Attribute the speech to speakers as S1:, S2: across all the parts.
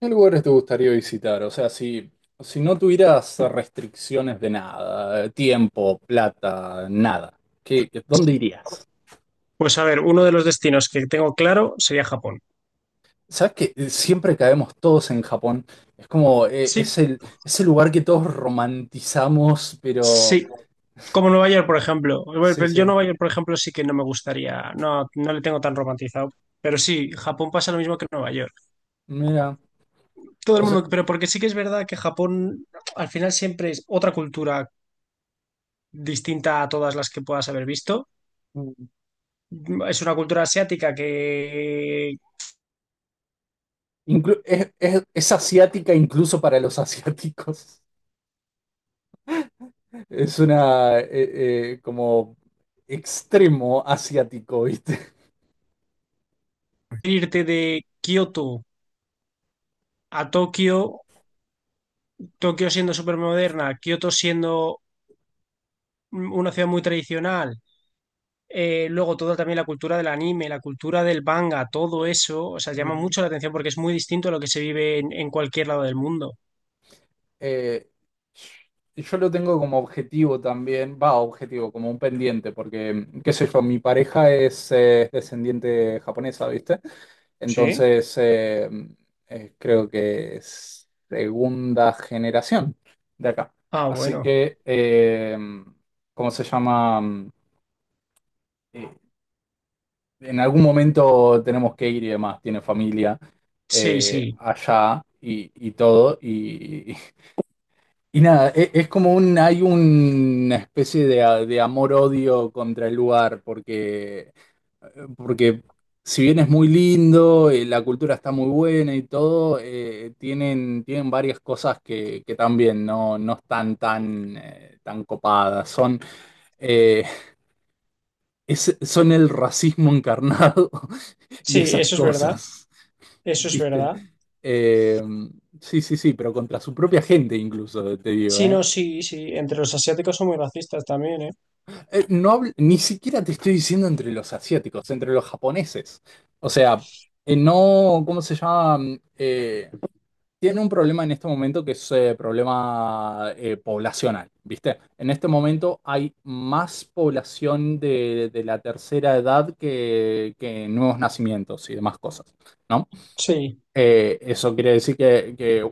S1: ¿Qué lugares te gustaría visitar? O sea, si no tuvieras restricciones de nada, tiempo, plata, nada, ¿ dónde irías?
S2: Pues a ver, uno de los destinos que tengo claro sería Japón.
S1: ¿Sabes que siempre caemos todos en Japón? Es como,
S2: Sí,
S1: es el lugar que todos romantizamos, pero
S2: sí. Como Nueva York, por ejemplo. Bueno,
S1: sí,
S2: pero yo
S1: sí,
S2: Nueva York, por ejemplo, sí que no me gustaría, no, no le tengo tan romantizado. Pero sí, Japón pasa lo mismo que Nueva York.
S1: mira,
S2: Todo el
S1: o sea,
S2: mundo, pero porque sí que es verdad que Japón al final siempre es otra cultura distinta a todas las que puedas haber visto.
S1: mm,
S2: Es una cultura asiática que
S1: es asiática incluso para los asiáticos. Es una, como extremo asiático, ¿viste?
S2: irte de Kioto a Tokio, Tokio siendo súper moderna, Kioto siendo una ciudad muy tradicional. Luego todo también la cultura del anime, la cultura del manga, todo eso, o sea, llama mucho la atención porque es muy distinto a lo que se vive en cualquier lado del mundo.
S1: eh, yo lo tengo como objetivo también, va, objetivo, como un pendiente, porque, qué sé yo, mi pareja es descendiente japonesa, ¿viste?
S2: ¿Sí?
S1: Entonces, creo que es segunda generación de acá.
S2: Ah,
S1: Así
S2: bueno.
S1: que, ¿cómo se llama? Eh, en algún momento tenemos que ir y demás, tiene familia
S2: Sí, sí.
S1: allá y, todo, y nada, es como un, hay una especie de, de amor-odio contra el lugar, porque si bien es muy lindo, la cultura está muy buena y todo, tienen varias cosas que también no están tan, tan copadas. Eh, son el racismo encarnado y
S2: Sí,
S1: esas
S2: eso es verdad.
S1: cosas,
S2: Eso es
S1: ¿viste?
S2: verdad.
S1: Eh, sí, sí, sí, pero contra su propia gente incluso, te digo,
S2: Sí,
S1: ¿eh?
S2: no, sí, sí. Entre los asiáticos son muy racistas también, ¿eh?
S1: Ni siquiera te estoy diciendo entre los asiáticos, entre los japoneses. O sea, no, ¿cómo se llama? Tiene un problema en este momento que es problema poblacional, ¿viste? En este momento hay más población de, la tercera edad que nuevos nacimientos y demás cosas, ¿no?
S2: Sí,
S1: Eso quiere decir que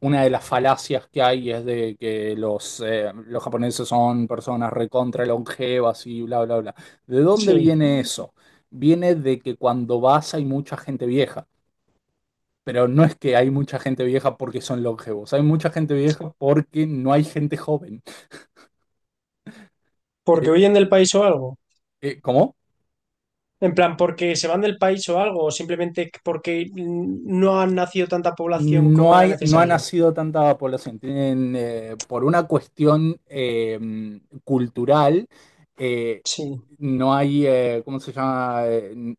S1: una de las falacias que hay es de que los japoneses son personas recontra longevas y bla, bla, bla. ¿De dónde
S2: sí.
S1: viene eso? Viene de que cuando vas hay mucha gente vieja, pero no es que hay mucha gente vieja porque son longevos, hay mucha gente vieja porque no hay gente joven.
S2: Porque
S1: Eh,
S2: huyen del país o algo.
S1: ¿Cómo?
S2: En plan, porque se van del país o algo, o simplemente porque no han nacido tanta población
S1: No
S2: como era
S1: hay, no ha
S2: necesario.
S1: nacido tanta población. Tienen, por una cuestión cultural, eh,
S2: Sí.
S1: no hay, ¿cómo se llama? Eh, n-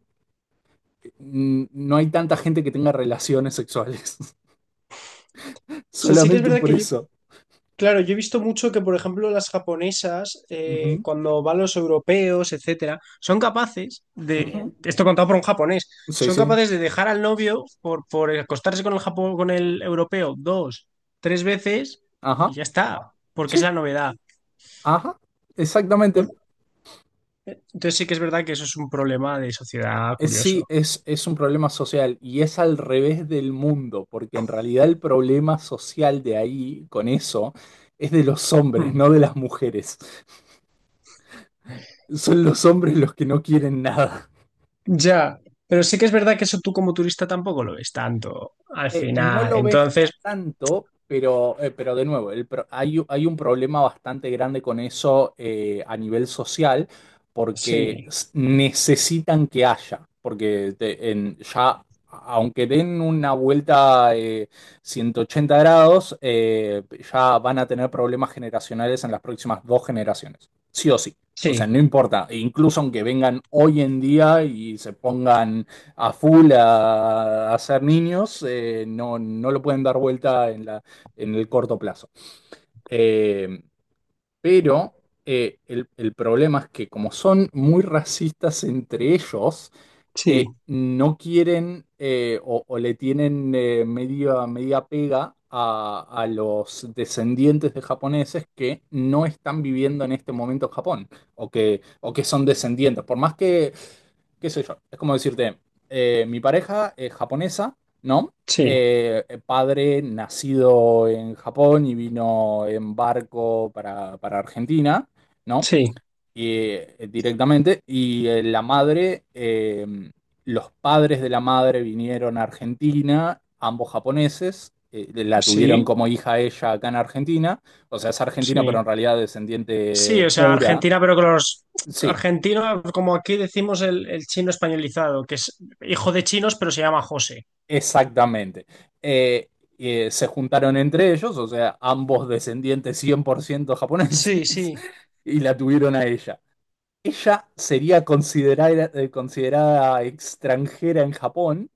S1: n- no hay tanta gente que tenga relaciones sexuales.
S2: O sea, sí que es
S1: Solamente
S2: verdad
S1: por
S2: que
S1: eso.
S2: claro, yo he visto mucho que, por ejemplo, las japonesas,
S1: Ujú,
S2: cuando van los europeos, etcétera, son capaces de,
S1: ujú.
S2: esto contado por un japonés,
S1: Sí,
S2: son
S1: sí.
S2: capaces de dejar al novio por acostarse con el con el europeo dos, tres veces y
S1: Ajá.
S2: ya está, porque es
S1: Sí.
S2: la novedad.
S1: Ajá. Exactamente.
S2: Por- entonces sí que es verdad que eso es un problema de sociedad
S1: Es, sí,
S2: curioso.
S1: es, es un problema social y es al revés del mundo, porque en realidad el problema social de ahí, con eso, es de los hombres,
S2: Hmm.
S1: no de las mujeres. Son los hombres los que no quieren nada.
S2: Ya, pero sí que es verdad que eso tú como turista tampoco lo ves tanto al
S1: No
S2: final.
S1: lo ves
S2: Entonces,
S1: tanto, pero de nuevo, hay un problema bastante grande con eso a nivel social, porque
S2: sí,
S1: necesitan que haya, porque te- en- ya, aunque den una vuelta 180 grados, ya van a tener problemas generacionales en las próximas dos generaciones, sí o sí. O sea,
S2: sí,
S1: no importa, e incluso aunque vengan hoy en día y se pongan a full a ser niños, no lo pueden dar vuelta en la, en el corto plazo. Eh, pero el problema es que como son muy racistas entre ellos,
S2: sí,
S1: no quieren o, le tienen media pega a los descendientes de japoneses que no están viviendo en este momento en Japón o que son descendientes. Por más que qué sé yo, es como decirte, mi pareja es japonesa, ¿no?
S2: sí,
S1: Padre nacido en Japón y vino en barco para Argentina, ¿no?
S2: sí.
S1: Y, directamente, y la madre, los padres de la madre vinieron a Argentina, ambos japoneses, la tuvieron
S2: Sí,
S1: como hija ella acá en Argentina, o sea, es
S2: sí,
S1: argentina, pero en realidad
S2: sí,
S1: descendiente
S2: o sea,
S1: pura.
S2: Argentina, pero que los
S1: Sí,
S2: argentinos, como aquí decimos el chino españolizado, que es hijo de chinos, pero se llama José.
S1: exactamente. Eh, se juntaron entre ellos, o sea, ambos descendientes 100% japoneses,
S2: Sí, sí,
S1: y la tuvieron a ella. Ella sería considerada extranjera en Japón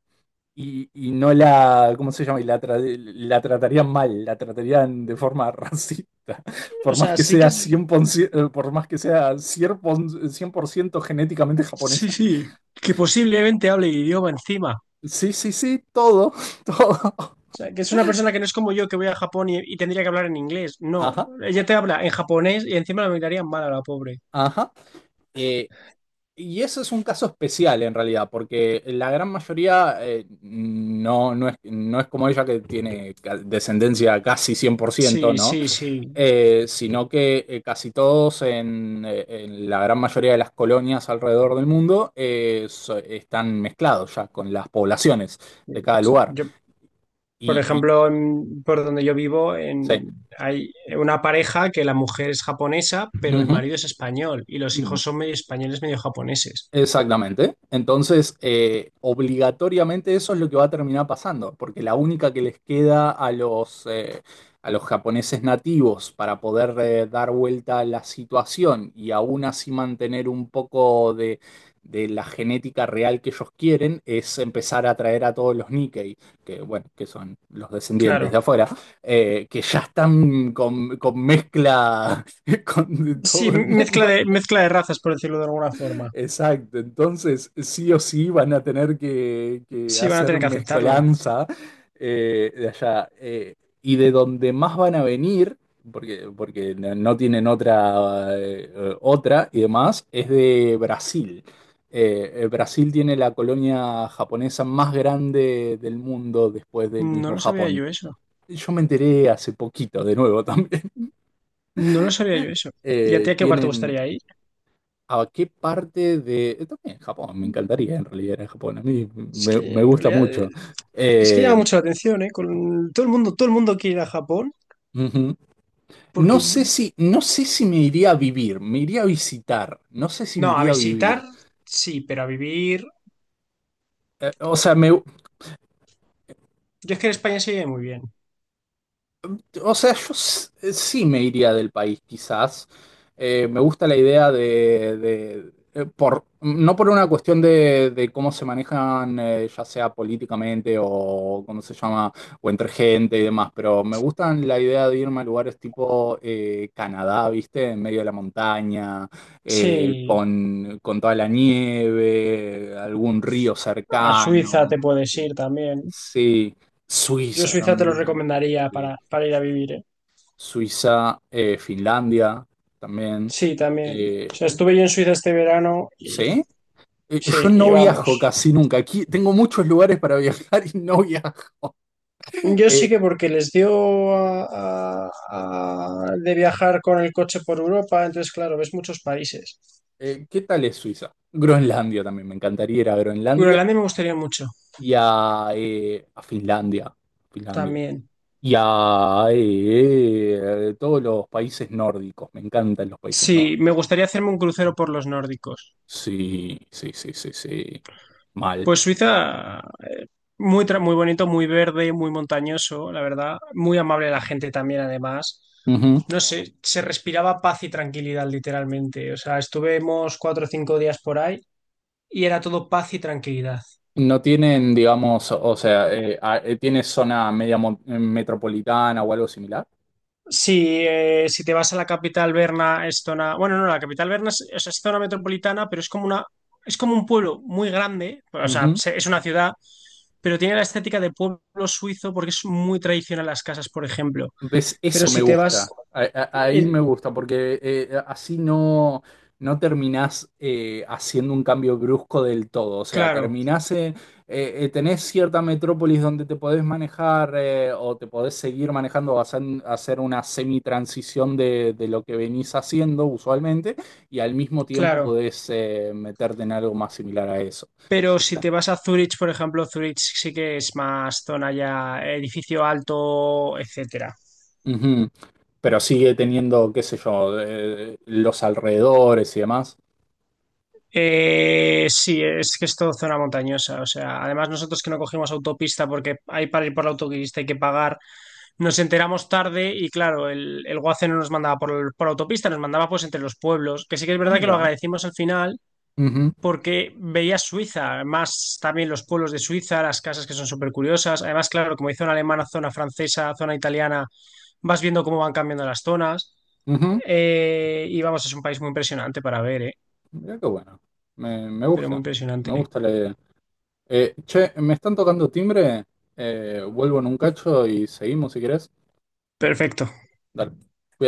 S1: y no la, ¿cómo se llama? La tratarían mal, la tratarían de forma racista,
S2: o
S1: por más
S2: sea,
S1: que
S2: sí que
S1: sea
S2: es,
S1: 100%, por más que sea 100% genéticamente
S2: sí,
S1: japonesa.
S2: sí, que posiblemente hable el idioma encima.
S1: Sí, sí, sí, todo, todo.
S2: O sea, que es una persona que no es como yo que voy a Japón y tendría que hablar en inglés. No,
S1: Ajá,
S2: ella te habla en japonés y encima la miraría mal a la pobre.
S1: ajá. Eh, Y eso es un caso especial en realidad, porque la gran mayoría no, no es como ella que tiene descendencia casi 100%,
S2: Sí,
S1: ¿no?
S2: sí, sí.
S1: Sino que casi todos en la gran mayoría de las colonias alrededor del mundo están mezclados ya con las poblaciones de cada lugar.
S2: Yo, por
S1: Y
S2: ejemplo, por donde yo vivo,
S1: sí.
S2: hay una pareja que la mujer es japonesa, pero el
S1: Ujú.
S2: marido es español y los hijos son medio españoles, medio japoneses.
S1: Exactamente. Entonces, obligatoriamente eso es lo que va a terminar pasando, porque la única que les queda a los japoneses nativos para poder dar vuelta a la situación y aún así mantener un poco de la genética real que ellos quieren es empezar a traer a todos los Nikkei, que bueno, que son los descendientes de
S2: Claro.
S1: afuera, que ya están con, mezcla con
S2: Sí,
S1: todo el mundo.
S2: mezcla de razas, por decirlo de alguna forma.
S1: Exacto, entonces sí o sí van a tener que
S2: Sí, van a
S1: hacer
S2: tener que aceptarlo.
S1: mezcolanza de allá. Y de donde más van a venir, porque no tienen otra y demás, es de Brasil. Brasil tiene la colonia japonesa más grande del mundo después del
S2: No
S1: mismo
S2: lo sabía
S1: Japón.
S2: yo eso.
S1: Yo me enteré hace poquito, de nuevo también.
S2: No lo sabía yo eso. ¿Y a ti
S1: Eh,
S2: a qué lugar te
S1: tienen,
S2: gustaría ir?
S1: ¿A qué parte de...? También Japón, me encantaría en realidad ir a Japón, a mí
S2: Es
S1: me,
S2: que
S1: me
S2: en
S1: gusta
S2: realidad
S1: mucho.
S2: es que llama
S1: Eh,
S2: mucho la atención, ¿eh? Con todo el mundo quiere ir a Japón
S1: ujú. No
S2: porque
S1: sé si, no sé si me iría a vivir, me iría a visitar, no sé si me
S2: no, a
S1: iría a
S2: visitar
S1: vivir.
S2: sí, pero a vivir.
S1: Eh, o sea, me,
S2: Yo es que en España se vive muy bien.
S1: O sea, sí me iría del país, quizás. Me gusta la idea de, por, no por una cuestión de, cómo se manejan, ya sea políticamente o cómo se llama, o entre gente y demás, pero me gustan la idea de irme a lugares tipo Canadá, ¿viste? En medio de la montaña,
S2: Sí,
S1: con toda la nieve, algún río
S2: a Suiza
S1: cercano.
S2: te puedes ir también.
S1: Sí,
S2: Yo
S1: Suiza
S2: Suiza te lo
S1: también. Sí, sí,
S2: recomendaría
S1: sí.
S2: para ir a vivir, ¿eh?
S1: Suiza, Finlandia también.
S2: Sí, también. O sea,
S1: Eh,
S2: estuve yo en Suiza este verano y
S1: ¿sí? Yo
S2: sí, y
S1: no viajo
S2: vamos.
S1: casi nunca. Aquí tengo muchos lugares para viajar y no viajo.
S2: Yo sí que
S1: Eh,
S2: porque les dio de viajar con el coche por Europa, entonces claro, ves muchos países.
S1: qué tal es Suiza? Groenlandia también. Me encantaría ir a Groenlandia
S2: Groenlandia me gustaría mucho
S1: y a Finlandia. Finlandia.
S2: también.
S1: Y a todos los países nórdicos. Me encantan los países
S2: Sí,
S1: nórdicos.
S2: me gustaría hacerme un crucero por los nórdicos.
S1: Sí, sí, sí, sí, sí. Mal.
S2: Pues Suiza muy bonito, muy verde, muy montañoso, la verdad. Muy amable la gente también, además. No sé, se respiraba paz y tranquilidad, literalmente. O sea, estuvimos cuatro o cinco días por ahí y era todo paz y tranquilidad.
S1: No tienen, digamos, o sea, tiene zona metropolitana o algo similar.
S2: Sí, si te vas a la capital Berna, es zona. Bueno, no, la capital Berna es, o sea, es zona metropolitana, pero es como una, es como un pueblo muy grande. O sea,
S1: Ujú.
S2: es una ciudad, pero tiene la estética de pueblo suizo porque es muy tradicional las casas, por ejemplo.
S1: ¿Ves?
S2: Pero
S1: Eso me
S2: si te vas.
S1: gusta. Ahí
S2: eh,
S1: me gusta, porque así no terminás haciendo un cambio brusco del todo. O sea,
S2: claro.
S1: terminás, tenés cierta metrópolis donde te podés manejar o te podés seguir manejando, vas a hacer una semi-transición de, lo que venís haciendo usualmente y al mismo tiempo
S2: Claro,
S1: podés meterte en algo más similar a eso.
S2: pero si te vas a Zurich, por ejemplo, Zurich sí que es más zona ya, edificio alto, etcétera.
S1: Ujú. Pero sigue teniendo, qué sé yo, los alrededores y demás.
S2: Sí, es que es todo zona montañosa, o sea, además nosotros que no cogimos autopista porque ahí para ir por la autopista hay que pagar, nos enteramos tarde y claro, el Guace no nos mandaba por autopista, nos mandaba pues entre los pueblos, que sí que es
S1: Ah,
S2: verdad que lo
S1: mira.
S2: agradecimos al final
S1: Ujú,
S2: porque veía Suiza, más también los pueblos de Suiza, las casas que son súper curiosas. Además, claro, como hay zona alemana, zona francesa, zona italiana, vas viendo cómo van cambiando las zonas.
S1: ujú.
S2: Y vamos, es un país muy impresionante para ver, ¿eh?
S1: Mira qué bueno. Me
S2: Pero muy
S1: gusta. Me
S2: impresionante.
S1: gusta la idea. Che, me están tocando timbre. Vuelvo en un cacho y seguimos si querés.
S2: Perfecto.
S1: Dale. Cuídate.